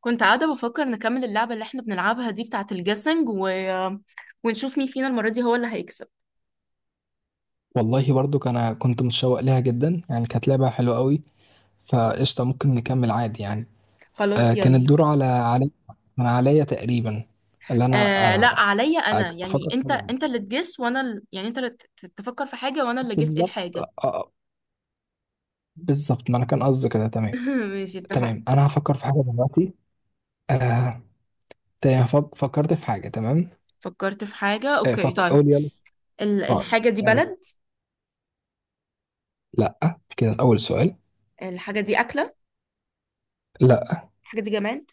كنت قاعدة بفكر نكمل اللعبة اللي احنا بنلعبها دي بتاعة الجيسنج ونشوف مين فينا المرة دي هو اللي هيكسب. والله برضو انا كنت متشوق لها جدا، يعني كانت لعبة حلوة قوي. فقشطة ممكن نكمل عادي يعني. خلاص كان يلا. الدور على علي، من عليا تقريبا اللي انا. آه لا عليا انا، يعني افكر انت طبعا. انت اللي تجس وانا يعني انت اللي تفكر في حاجة وانا اللي جس بالظبط الحاجة. بالظبط. ما انا كان قصدي كده، تمام. ماشي تمام اتفقنا. انا هفكر في حاجة دلوقتي. آه. تمام فكرت في حاجة، تمام. فكرت في حاجة، اوكي طيب. قول يلا. اه الحاجة دي اسألي. بلد؟ لا، كده اول سؤال. الحاجة دي أكلة؟ لا. الحاجة دي جماد؟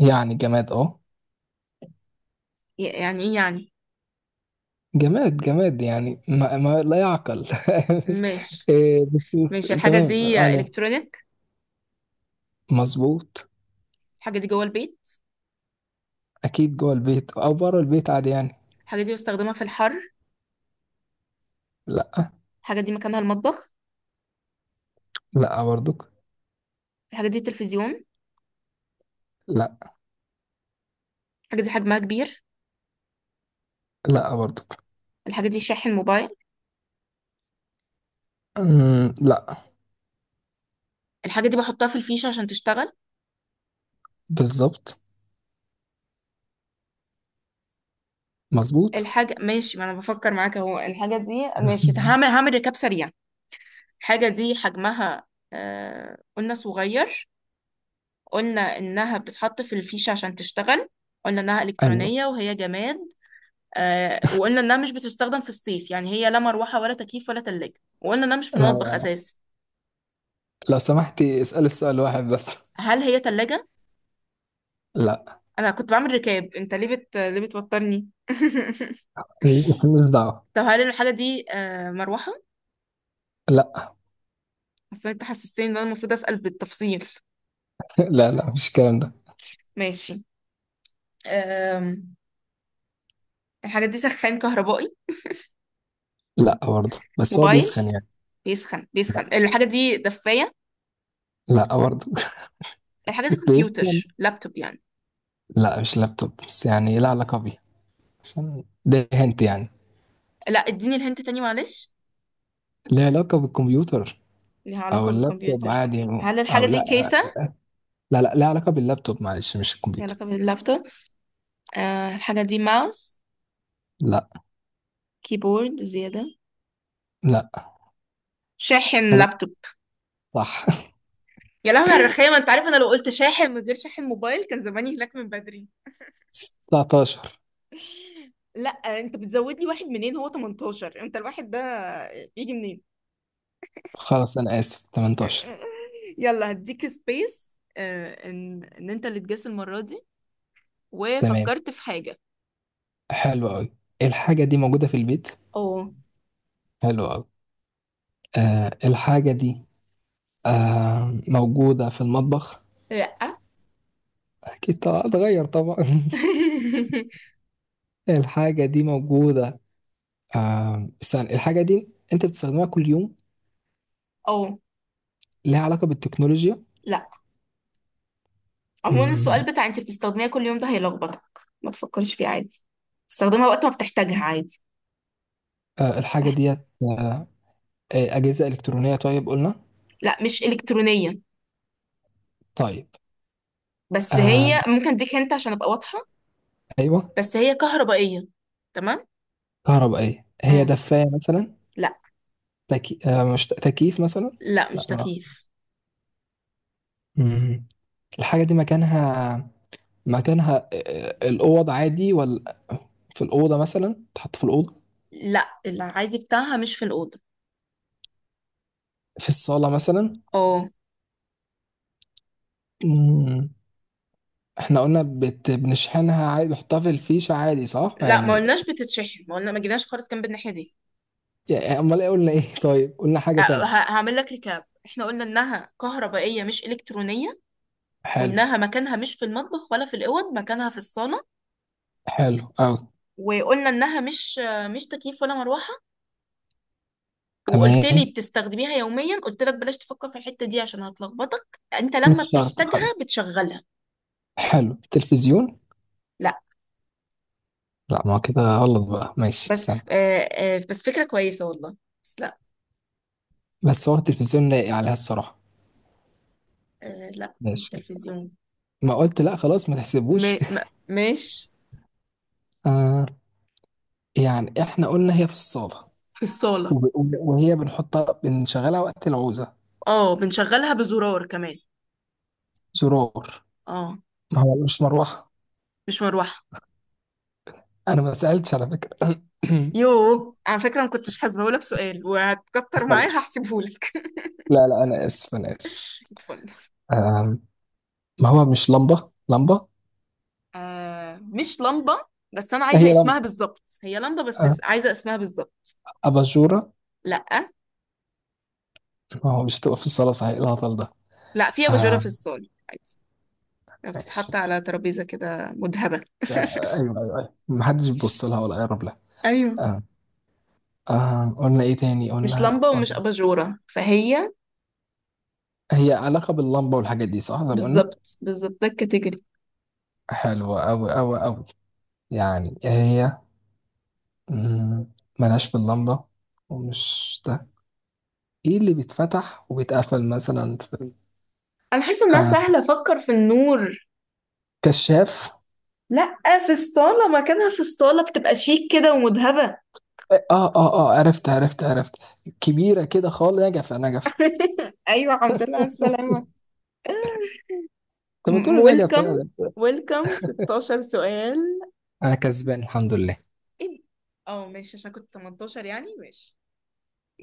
يعني جماد اه. يعني ايه يعني؟ جماد جماد يعني ما لا يعقل. مش- ماشي. إيه، ماشي، الحاجة تمام دي يعني. الكترونيك؟ مظبوط. الحاجة دي جوه البيت؟ اكيد جوه البيت او بره البيت عادي يعني. الحاجة دي بستخدمها في الحر؟ لا. الحاجة دي مكانها المطبخ؟ لا برضك. الحاجة دي التلفزيون؟ لا. الحاجة دي حجمها كبير؟ لا برضك. الحاجة دي شاحن موبايل؟ لا. الحاجة دي بحطها في الفيشة عشان تشتغل؟ بالظبط. مظبوط. الحاجة ماشي، ما أنا بفكر معاك أهو. الحاجة دي ماشي، هعمل ركاب سريع. الحاجة دي حجمها قلنا صغير. قلنا إنها بتتحط في الفيشة عشان تشتغل. قلنا إنها ايوه. إلكترونية وهي جماد. وقلنا إنها مش بتستخدم في الصيف، يعني هي لا مروحة ولا تكييف ولا تلاجة، وقلنا إنها مش في المطبخ لا، أساسا. لو سمحتي اسألي السؤال واحد بس. هل هي تلاجة؟ لا. أنا كنت بعمل ركاب، أنت ليه ليه بتوترني؟ مش دعوة. طب هل الحاجة دي مروحة؟ لا. اصل انت حسستني ان انا المفروض اسال بالتفصيل. لا لا، مش الكلام ده. ماشي. أم... الحاجه دي سخان كهربائي؟ لا برضه، بس هو موبايل؟ بيسخن يعني. بيسخن، بيسخن. لا. الحاجه دي دفايه؟ لا برضه. الحاجه دي بيسخن. كمبيوتر لابتوب يعني؟ لا مش لابتوب بس، يعني لا علاقة بيه. عشان ده هنت يعني. لا اديني الهنت تاني معلش. ليه علاقة بالكمبيوتر ليها أو علاقه اللابتوب بالكمبيوتر. عادي يعني. هل أو الحاجه دي لا. كيسه؟ لا لا، لها علاقة باللابتوب معلش مش ليها الكمبيوتر. علاقه باللابتوب. أه، الحاجه دي ماوس؟ لا. كيبورد زياده؟ لا. شاحن غلط. لابتوب؟ صح. يا لهوي على الرخامه، انت عارف انا لو قلت شاحن من غير شاحن موبايل كان زماني هناك من بدري. 19. لا انت بتزود لي واحد منين، هو 18؟ انت الواحد ده بيجي منين؟ خلاص أنا آسف، 18. يلا هديك سبيس، ان انت اللي تجس المرة دي تمام. وفكرت في حاجة. حلو أوي. الحاجة دي موجودة في البيت. اه. حلو أوي. الحاجة دي موجودة في المطبخ. لا. أكيد طبعا اتغير طبعا. الحاجة دي موجودة. استنى، الحاجة دي أنت بتستخدمها كل يوم. اه. ليها علاقة بالتكنولوجيا. لا. عموما السؤال بتاع انت بتستخدميها كل يوم ده هيلخبطك، ما تفكرش فيه عادي، استخدمها وقت ما بتحتاجها عادي. الحاجة تحت... ديت أجهزة إلكترونية طيب قلنا. لا مش إلكترونية، طيب. بس آه، هي ممكن اديك انت عشان ابقى واضحة، أيوه. بس هي كهربائية. تمام. كهربائية، هي اه. دفاية مثلا. لا. تكي... آه، مش تكييف مثلا. لا مش لا ما. تكييف. مم. الحاجة دي مكانها، مكانها الأوض عادي ولا في الأوضة مثلا، تحط في الأوضة. لا العادي بتاعها مش في الأوضة. في الصالة مثلا. اه. مم. احنا قلنا بنشحنها عادي، بنحطها في الفيشة عادي، صح لا ما يعني. قلناش بتتشحن، ما قلنا، ما جيناش خالص جنب الناحيه دي. يعني أمال إيه قلنا إيه؟ طيب قلنا أه، حاجة تانية. هعمل لك ريكاب، احنا قلنا انها كهربائيه مش الكترونيه، حلو. وانها مكانها مش في المطبخ ولا في الاوض، مكانها في الصاله، حلو أوي. وقلنا انها مش آه، مش تكييف ولا مروحه، وقلت لي تمام. بتستخدميها يوميا، قلت لك بلاش تفكر في الحته دي عشان هتلخبطك، انت لما مش شرط. حلو. بتحتاجها بتشغلها. حلو التلفزيون. لا. لا ما هو كده غلط بقى، ماشي بس استنى. آه آه بس فكره كويسه والله، بس لا. بس هو التلفزيون لايق عليها الصراحة. آه لا مش ماشي. تلفزيون. ما قلت لا خلاص ما م... تحسبوش. م... مش. آه. يعني احنا قلنا هي في الصالة. في الصاله. وهي بنحطها بنشغلها وقت العوزة. اه بنشغلها بزرار كمان. زرار. اه. ما هو مش مروحة. مش مروحة. انا ما سألتش على فكرة. يوه على فكرة، ما كنتش هسيبهولك سؤال، وهتكتر معايا خلاص. هحسبهولك. لا لا، انا اسف انا اسف. اتفضل. آه. ما هو مش لمبة لمبة. آه مش لمبة؟ بس أنا عايزة هي اسمها لمبة. بالظبط، هي لمبة بس آه. عايزة اسمها بالظبط. أباجورة. لأ. ما هو مش هتبقى في الصالة صحيح الهطل ده. لأ، في أباجورة آه. في الصالة عادي، يعني ماشي. بتتحط على ترابيزة كده مذهبة. ايوه. ايوه ايوه محدش بيبص لها ولا يقرب لها. ايوه. آه. آه. قلنا ايه تاني، مش لمبة ومش قلنا. أباجورة فهي؟ هي علاقة باللمبة والحاجات دي صح زي ما قلنا. بالظبط بالظبط، ده الكاتيجوري. حلوة أوي أوي أوي. يعني هي مم، ملهاش في اللمبة ومش ده. ايه اللي بيتفتح وبيتقفل مثلا في؟ أنا حاسة إنها آه. سهلة، أفكر في النور. كشاف. لأ. في الصالة، مكانها في الصالة، بتبقى شيك كده ومذهبة. اه اه اه عرفت عرفت عرفت. كبيرة كده خالص، نجفة نجفة. أيوة الحمد لله على السلامة. طب ما تقول نجفة ويلكم. يعني. ويلكم 16 سؤال. انا كسبان الحمد لله. ايه ده؟ اه ماشي، عشان كنت 18 يعني، ماشي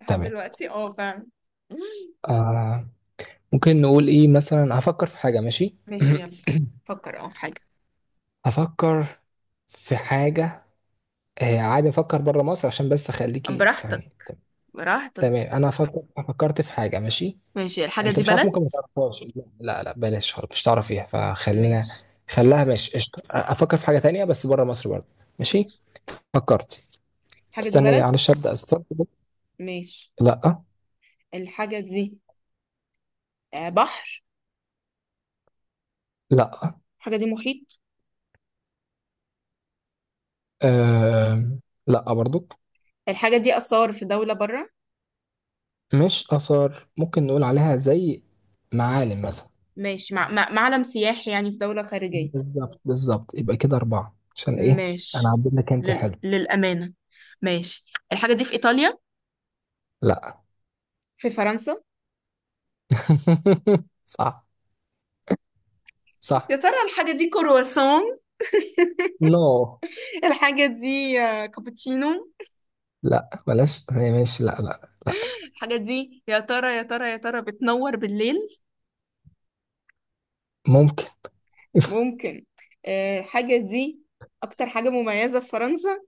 لحد تمام. دلوقتي اه فعلا. آه. ممكن نقول ايه مثلا، هفكر في حاجة. ماشي. ماشي يلا، فكر اه في حاجة. هفكر في حاجة. عادي افكر بره مصر عشان بس اخليكي براحتك، يعني. براحتك. تمام انا فكرت فكرت في حاجة، ماشي. ماشي. الحاجة انت دي مش عارف بلد؟ ممكن ما تعرفهاش. لا لا، بلاش خالص مش تعرفيها فخلينا. ماشي. خليها ماشي قشطة. افكر في حاجة تانية بس بره مصر برضه. ماشي. ماشي. فكرت. الحاجة دي استني بلد؟ معلش، ابدا استنى. ماشي. لا. الحاجة دي آه، بحر؟ لا. الحاجة دي محيط؟ آه. لا برضو. الحاجة دي آثار في دولة برا؟ مش اثار، ممكن نقول عليها زي معالم مثلا. ماشي، معلم سياحي يعني في دولة خارجية؟ بالظبط بالظبط، يبقى كده أربعة عشان إيه. أنا ماشي. عديت لك أنت، حلو. للأمانة. ماشي. الحاجة دي في إيطاليا؟ لا. في فرنسا؟ صح. يا صح. ترى الحاجة دي كرواسون؟ نو. الحاجة دي آه، كابتشينو؟ لا بلاش هي، ماشي لا لا لا. الحاجة دي يا ترى يا ترى يا ترى بتنور بالليل؟ ممكن. ممكن. آه، الحاجة دي أكتر حاجة مميزة في فرنسا.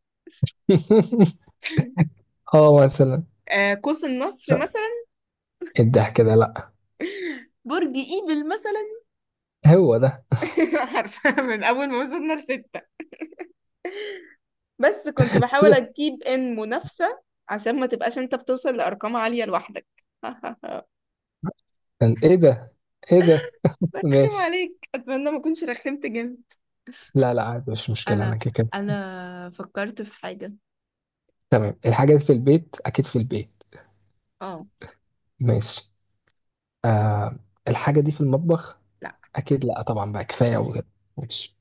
اه مثلا. آه، قوس النصر مثلا؟ الضحك ده لا. برج ايفل مثلا؟ هو ده. عارفة من أول ما وصلنا لستة، بس كنت ايه بحاول ده؟ أجيب إن منافسة عشان ما تبقاش أنت بتوصل لأرقام عالية لوحدك. كان ايه ده؟ ايه ده؟ برخم ماشي. عليك، أتمنى ما أكونش رخمت جامد. لا لا عادي، مش مشكلة انا انا كده كده. انا فكرت في حاجة. تمام. الحاجة دي في البيت، اكيد في البيت. اه. ماشي. آه. الحاجة دي في المطبخ. لا. اكيد لا طبعا بقى، كفاية وكده. ماشي.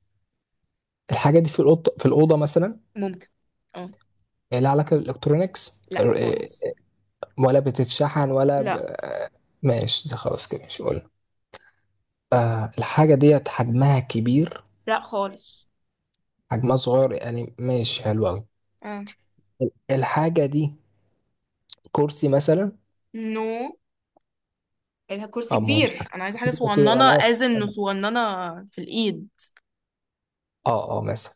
الحاجة دي في الأوضة، في الأوضة مثلا. ممكن. اه. لها علاقة بالإلكترونيكس لا خالص. ولا بتتشحن لا. ماشي ده خلاص كده مش قلنا. الحاجة ديت حجمها كبير؟ لا خالص. حجمها صغير يعني، ماشي حلو أوي. اه. الحاجة دي كرسي مثلا. نو، الكرسي أو ما هوش كبير، حاجة انا عايزه حاجه كبير، صغننه، أنا آسف. از انه صغننه. في الايد. اه اه مثلا.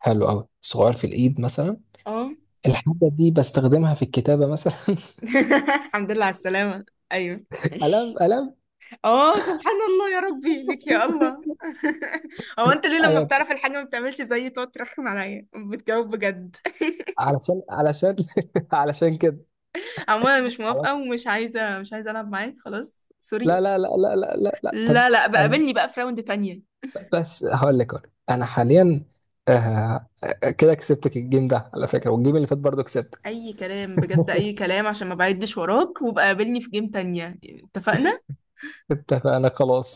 حلو أوي، صغير في الإيد مثلا. اه. الحاجة دي بستخدمها في الكتابة مثلا. الحمد لله على السلامه. ايوه. قلم قلم. اه سبحان الله، يا ربي لك يا الله. هو انت ليه لما أيوة. بتعرف الحاجه ما بتعملش زيي، تقعد ترخم عليا، بتجاوب بجد. علشان علشان علشان كده. عموما انا مش موافقه علشان- ومش عايزه، مش عايزه العب معاك خلاص لا سوري. لا لا لا لا لا، لا. طب لا لا، بقابلني بقى في راوند تانية. بس هقول لك أهو. انا حاليا كده كسبتك الجيم ده على فكره، والجيم اللي فات برضه كسبتك. اي كلام بجد، اي كلام، عشان ما بعدش وراك، وبقى قابلني في جيم تانية اتفقنا. اتفقنا خلاص.